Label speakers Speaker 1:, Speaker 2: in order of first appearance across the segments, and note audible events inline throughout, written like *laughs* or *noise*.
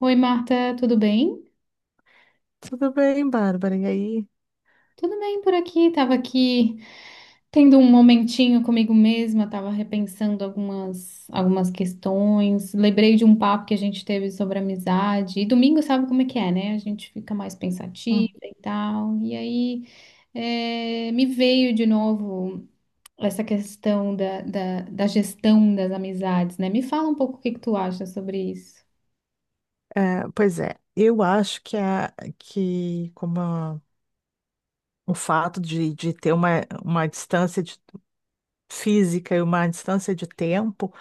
Speaker 1: Oi, Marta, tudo bem?
Speaker 2: Tudo bem, Bárbara? E aí?
Speaker 1: Tudo bem por aqui. Tava aqui tendo um momentinho comigo mesma, tava repensando algumas questões. Lembrei de um papo que a gente teve sobre amizade. E domingo sabe como é que é, né? A gente fica mais pensativa
Speaker 2: Hum.
Speaker 1: e tal. E aí é, me veio de novo essa questão da gestão das amizades, né? Me fala um pouco o que que tu acha sobre isso.
Speaker 2: É, pois é, eu acho que a, que como a- o fato de ter uma distância física e uma distância de tempo.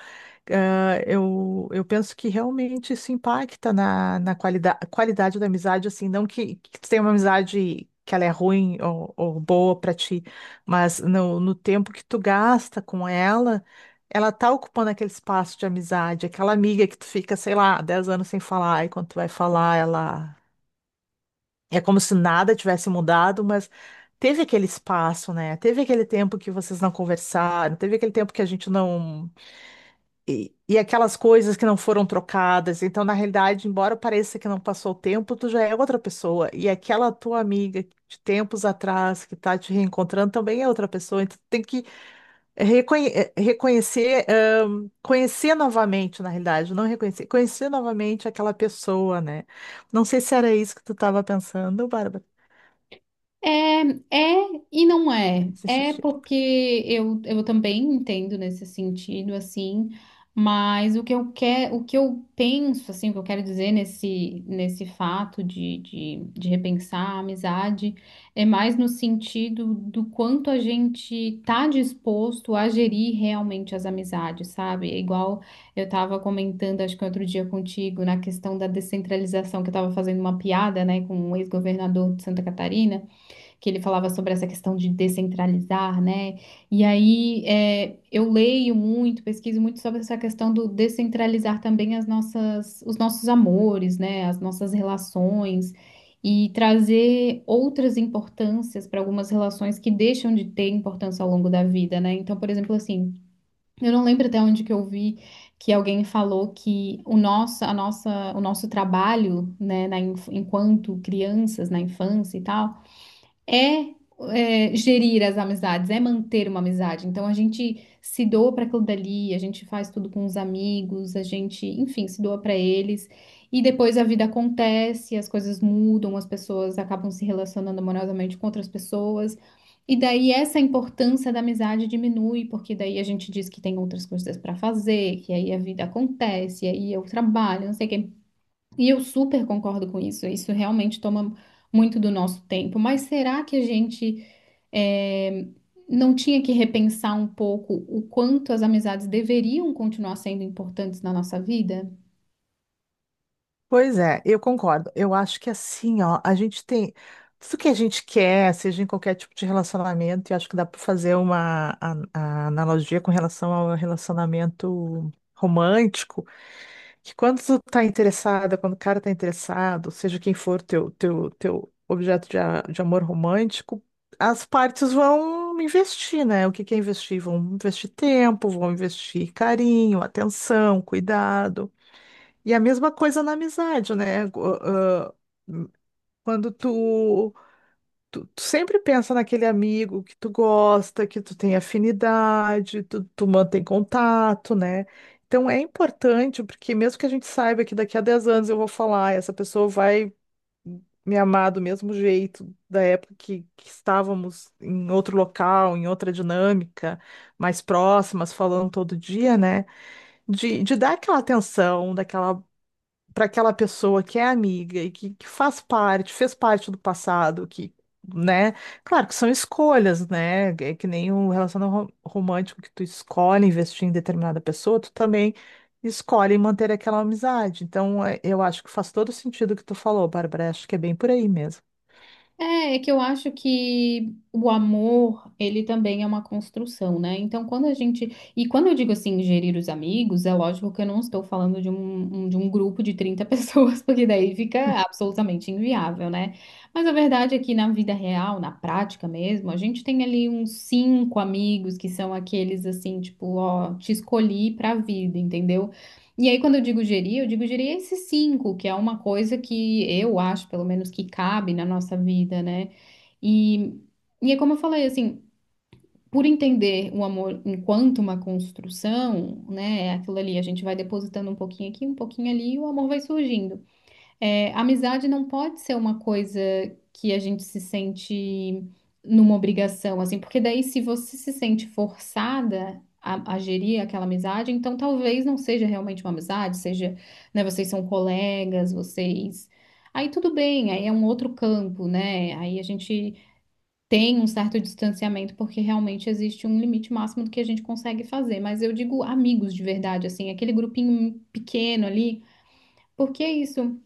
Speaker 2: Ah, eu penso que realmente isso impacta na qualidade da amizade, assim, não que tu tenha uma amizade que ela é ruim ou boa para ti, mas no tempo que tu gasta com ela, ela tá ocupando aquele espaço de amizade, aquela amiga que tu fica, sei lá, 10 anos sem falar, e quando tu vai falar, ela é como se nada tivesse mudado, mas teve aquele espaço, né? Teve aquele tempo que vocês não conversaram, teve aquele tempo que a gente não, e aquelas coisas que não foram trocadas. Então, na realidade, embora pareça que não passou o tempo, tu já é outra pessoa. E aquela tua amiga de tempos atrás que tá te reencontrando também é outra pessoa. Então, tu tem que reconhecer, conhecer novamente, na realidade, não reconhecer, conhecer novamente aquela pessoa, né? Não sei se era isso que tu estava pensando, Bárbara,
Speaker 1: É, é e não é.
Speaker 2: nesse
Speaker 1: É
Speaker 2: sentido.
Speaker 1: porque eu também entendo nesse sentido, assim, mas o que eu quero, o que eu penso, assim, o que eu quero dizer nesse fato de repensar a amizade é mais no sentido do quanto a gente tá disposto a gerir realmente as amizades, sabe? É igual eu tava comentando, acho que outro dia contigo, na questão da descentralização, que eu tava fazendo uma piada, né, com um ex-governador de Santa Catarina que ele falava sobre essa questão de descentralizar, né? E aí é, eu leio muito, pesquiso muito sobre essa questão do descentralizar também as nossas, os nossos amores, né? As nossas relações e trazer outras importâncias para algumas relações que deixam de ter importância ao longo da vida, né? Então, por exemplo, assim, eu não lembro até onde que eu vi que alguém falou que o nosso, a nossa, o nosso trabalho, né, na, enquanto crianças, na infância e tal é, é, gerir as amizades, é manter uma amizade. Então a gente se doa para aquilo dali, a gente faz tudo com os amigos, a gente, enfim, se doa para eles. E depois a vida acontece, as coisas mudam, as pessoas acabam se relacionando amorosamente com outras pessoas. E daí essa importância da amizade diminui, porque daí a gente diz que tem outras coisas para fazer, que aí a vida acontece, aí eu trabalho, não sei o quê. E eu super concordo com isso. Isso realmente toma muito do nosso tempo. Mas será que a gente eh, não tinha que repensar um pouco o quanto as amizades deveriam continuar sendo importantes na nossa vida?
Speaker 2: Pois é, eu concordo. Eu acho que assim, ó, a gente tem tudo que a gente quer, seja em qualquer tipo de relacionamento, e acho que dá para fazer a analogia com relação ao relacionamento romântico, que quando tu tá interessada, quando o cara tá interessado, seja quem for teu objeto de amor romântico, as partes vão investir, né? O que que é investir? Vão investir tempo, vão investir carinho, atenção, cuidado. E a mesma coisa na amizade, né? Quando tu sempre pensa naquele amigo que tu gosta, que tu tem afinidade, tu mantém contato, né? Então é importante, porque mesmo que a gente saiba que daqui a 10 anos eu vou falar, essa pessoa vai me amar do mesmo jeito da época que estávamos em outro local, em outra dinâmica, mais próximas, falando todo dia, né? De dar aquela atenção, daquela para aquela pessoa que é amiga e que faz parte, fez parte do passado, que, né? Claro que são escolhas, né? É que nem um relacionamento romântico que tu escolhe investir em determinada pessoa, tu também escolhe manter aquela amizade. Então, é, eu acho que faz todo sentido o que tu falou, Bárbara. Acho que é bem por aí mesmo.
Speaker 1: É, é que eu acho que o amor, ele também é uma construção, né? Então, quando a gente. E quando eu digo assim, gerir os amigos, é lógico que eu não estou falando de um, de um grupo de 30 pessoas, *laughs* porque daí fica absolutamente inviável, né? Mas a verdade é que na vida real, na prática mesmo, a gente tem ali uns cinco amigos que são aqueles assim, tipo, ó, te escolhi pra vida, entendeu? E aí, quando eu digo gerir esses cinco, que é uma coisa que eu acho, pelo menos, que cabe na nossa vida, né? E, e é como eu falei, assim, por entender o amor enquanto uma construção, né? É aquilo ali, a gente vai depositando um pouquinho aqui, um pouquinho ali, e o amor vai surgindo. É, amizade não pode ser uma coisa que a gente se sente numa obrigação, assim, porque daí se você se sente forçada a gerir aquela amizade, então talvez não seja realmente uma amizade, seja, né, vocês são colegas, vocês. Aí tudo bem, aí é um outro campo, né? Aí a gente tem um certo distanciamento, porque realmente existe um limite máximo do que a gente consegue fazer. Mas eu digo amigos de verdade, assim, aquele grupinho pequeno ali. Porque é isso?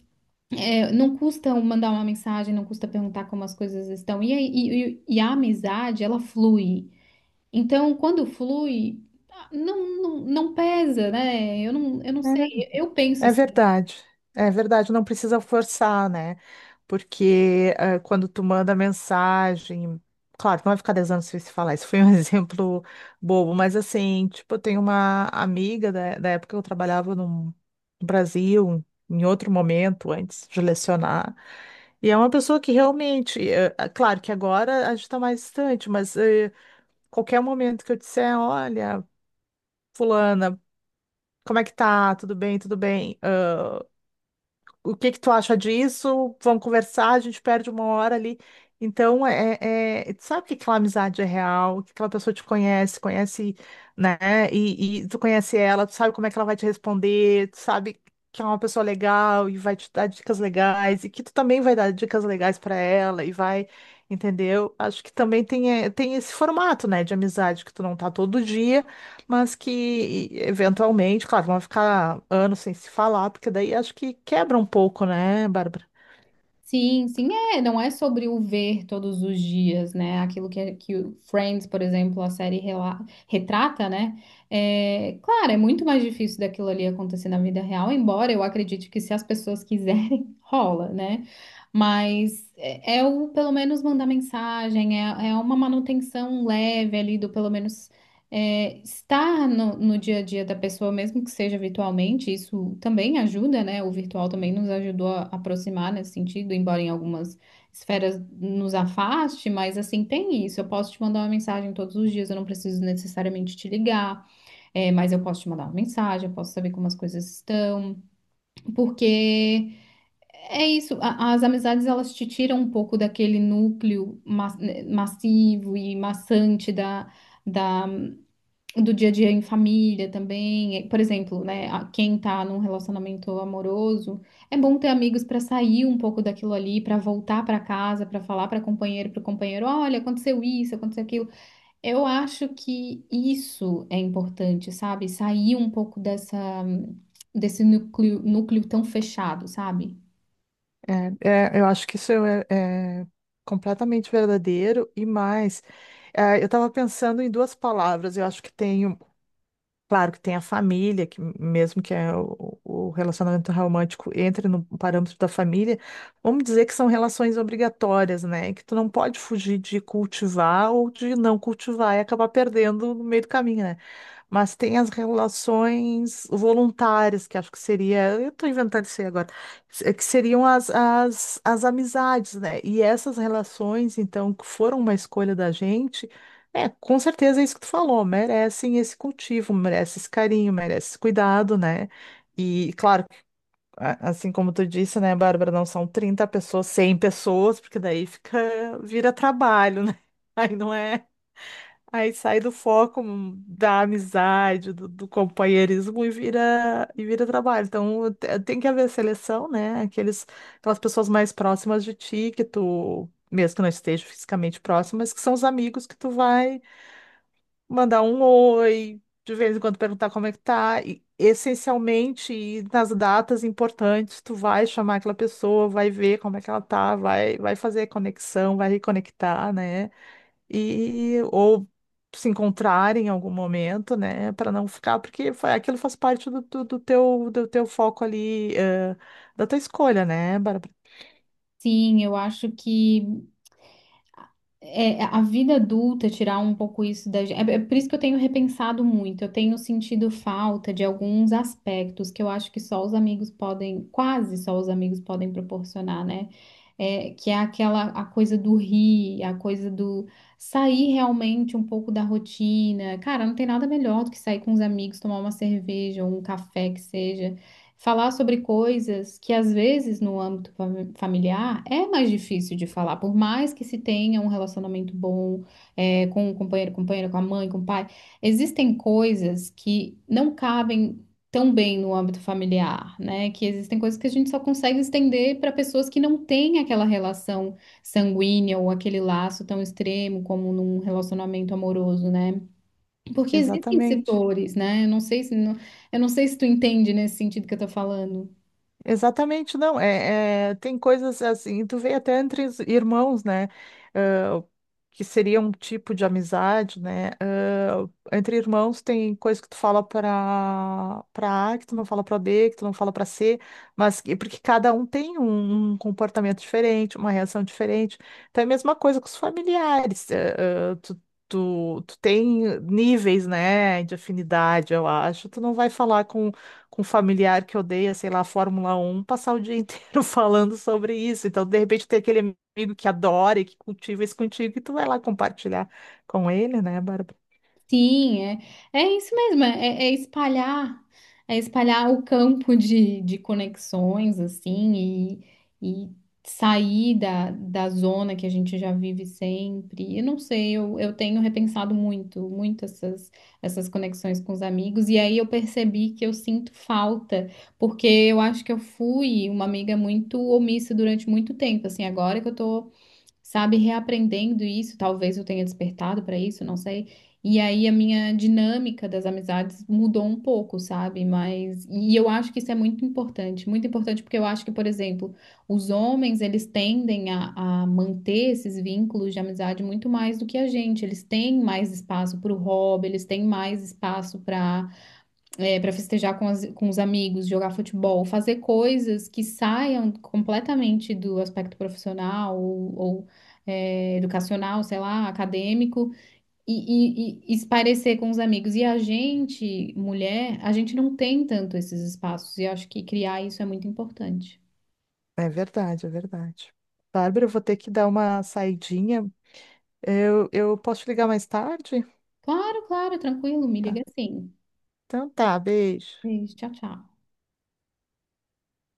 Speaker 1: É, não custa um mandar uma mensagem, não custa perguntar como as coisas estão. E, e, e a amizade, ela flui. Então, quando flui, ah, não pesa, né? Eu não sei. Eu penso.
Speaker 2: É verdade, é verdade, não precisa forçar, né? Porque quando tu manda mensagem, claro, não vai ficar 10 anos sem se falar, isso foi um *laughs* exemplo bobo, mas assim, tipo, eu tenho uma amiga da época que eu trabalhava no Brasil, em outro momento, antes de lecionar, e é uma pessoa que realmente, claro que agora a gente está mais distante, mas qualquer momento que eu disser, olha, fulana, como é que tá? Tudo bem, tudo bem? O que que tu acha disso? Vamos conversar, a gente perde uma hora ali. Então, tu sabe que aquela amizade é real, que aquela pessoa te conhece, conhece, né? E tu conhece ela, tu sabe como é que ela vai te responder, tu sabe que é uma pessoa legal e vai te dar dicas legais, e que tu também vai dar dicas legais para ela e vai, entendeu? Acho que também tem esse formato, né, de amizade, que tu não tá todo dia, mas que eventualmente, claro, vão ficar anos sem se falar, porque daí acho que quebra um pouco, né, Bárbara?
Speaker 1: Sim, sim, é, não é sobre o ver todos os dias, né? Aquilo que, é, que o Friends, por exemplo, a série retrata, né? É, claro, é muito mais difícil daquilo ali acontecer na vida real, embora eu acredite que se as pessoas quiserem, *laughs* rola, né? Mas é, é o pelo menos mandar mensagem, é, é uma manutenção leve ali do pelo menos é, estar no, no dia a dia da pessoa, mesmo que seja virtualmente, isso também ajuda, né? O virtual também nos ajudou a aproximar nesse sentido, embora em algumas esferas nos afaste, mas assim, tem isso. Eu posso te mandar uma mensagem todos os dias, eu não preciso necessariamente te ligar, é, mas eu posso te mandar uma mensagem, eu posso saber como as coisas estão, porque é isso, as amizades elas te tiram um pouco daquele núcleo né, massivo e maçante da. Da do dia a dia em família também. Por exemplo, né, quem tá num relacionamento amoroso, é bom ter amigos para sair um pouco daquilo ali, para voltar para casa, para falar para companheiro, olha, aconteceu isso, aconteceu aquilo. Eu acho que isso é importante, sabe? Sair um pouco dessa desse núcleo, núcleo tão fechado, sabe?
Speaker 2: É, é, eu acho que isso é completamente verdadeiro e mais. É, eu estava pensando em duas palavras, eu acho que tem. Claro que tem a família, que mesmo que é o relacionamento romântico entre no parâmetro da família, vamos dizer que são relações obrigatórias, né? Que tu não pode fugir de cultivar ou de não cultivar e acabar perdendo no meio do caminho, né? Mas tem as relações voluntárias, que acho que seria, eu estou inventando isso aí agora, que seriam as amizades, né? E essas relações, então, que foram uma escolha da gente. É, com certeza é isso que tu falou. Merecem esse cultivo, merece esse carinho, merece esse cuidado, né? E claro, assim como tu disse, né, Bárbara, não são 30 pessoas, 100 pessoas, porque daí fica, vira trabalho, né? *laughs* Aí não é, aí sai do foco da amizade, do companheirismo e vira trabalho. Então tem que haver seleção, né? Aquelas pessoas mais próximas de ti que tu mesmo que não esteja fisicamente próximo, mas que são os amigos que tu vai mandar um oi, de vez em quando perguntar como é que tá. E, essencialmente, nas datas importantes, tu vai chamar aquela pessoa, vai ver como é que ela tá, vai fazer a conexão, vai reconectar, né? E ou se encontrar em algum momento, né? Para não ficar, porque aquilo faz parte do teu foco ali, da tua escolha, né, Bárbara?
Speaker 1: Sim, eu acho que é, é, a vida adulta, tirar um pouco isso da gente. É, é por isso que eu tenho repensado muito. Eu tenho sentido falta de alguns aspectos que eu acho que só os amigos podem, quase só os amigos podem proporcionar, né? É, que é aquela a coisa do rir, a coisa do sair realmente um pouco da rotina. Cara, não tem nada melhor do que sair com os amigos, tomar uma cerveja ou um café que seja falar sobre coisas que às vezes no âmbito familiar é mais difícil de falar, por mais que se tenha um relacionamento bom é, com o companheiro, companheira, com a mãe, com o pai, existem coisas que não cabem tão bem no âmbito familiar, né? Que existem coisas que a gente só consegue estender para pessoas que não têm aquela relação sanguínea ou aquele laço tão extremo como num relacionamento amoroso, né? Porque existem
Speaker 2: Exatamente.
Speaker 1: setores, né? Eu não sei se tu entende nesse sentido que eu tô falando.
Speaker 2: Exatamente, não. É, tem coisas assim, tu vê até entre os irmãos, né? ah, que seria um tipo de amizade, né? Entre irmãos tem coisa que tu fala para A, que tu não fala para B, que tu não fala para C, porque cada um tem um comportamento diferente, uma reação diferente. Então é a mesma coisa com os familiares. Tu tem níveis, né, de afinidade, eu acho. Tu não vai falar com um familiar que odeia, sei lá, Fórmula 1, passar o dia inteiro *laughs* falando sobre isso. Então, de repente, tem aquele amigo que adora e que cultiva isso contigo, e tu vai lá compartilhar com ele, né, Bárbara?
Speaker 1: Sim, é, é isso mesmo, é, é é espalhar o campo de conexões, assim, e sair da, da zona que a gente já vive sempre. Eu não sei, eu tenho repensado muito, muito essas conexões com os amigos, e aí eu percebi que eu sinto falta, porque eu acho que eu fui uma amiga muito omissa durante muito tempo, assim, agora que eu tô sabe, reaprendendo isso, talvez eu tenha despertado para isso, não sei. E aí a minha dinâmica das amizades mudou um pouco, sabe? Mas e eu acho que isso é muito importante porque eu acho que, por exemplo, os homens, eles tendem a manter esses vínculos de amizade muito mais do que a gente. Eles têm mais espaço para o hobby, eles têm mais espaço para é, para festejar com, com os amigos, jogar futebol, fazer coisas que saiam completamente do aspecto profissional ou, é, educacional, sei lá, acadêmico, e espairecer com os amigos. E a gente, mulher, a gente não tem tanto esses espaços, e eu acho que criar isso é muito importante.
Speaker 2: É verdade, é verdade. Bárbara, eu vou ter que dar uma saidinha. Eu posso te ligar mais tarde?
Speaker 1: Claro, claro, tranquilo, me liga
Speaker 2: Tá.
Speaker 1: sim.
Speaker 2: Então tá, beijo.
Speaker 1: Beijo, tchau, tchau.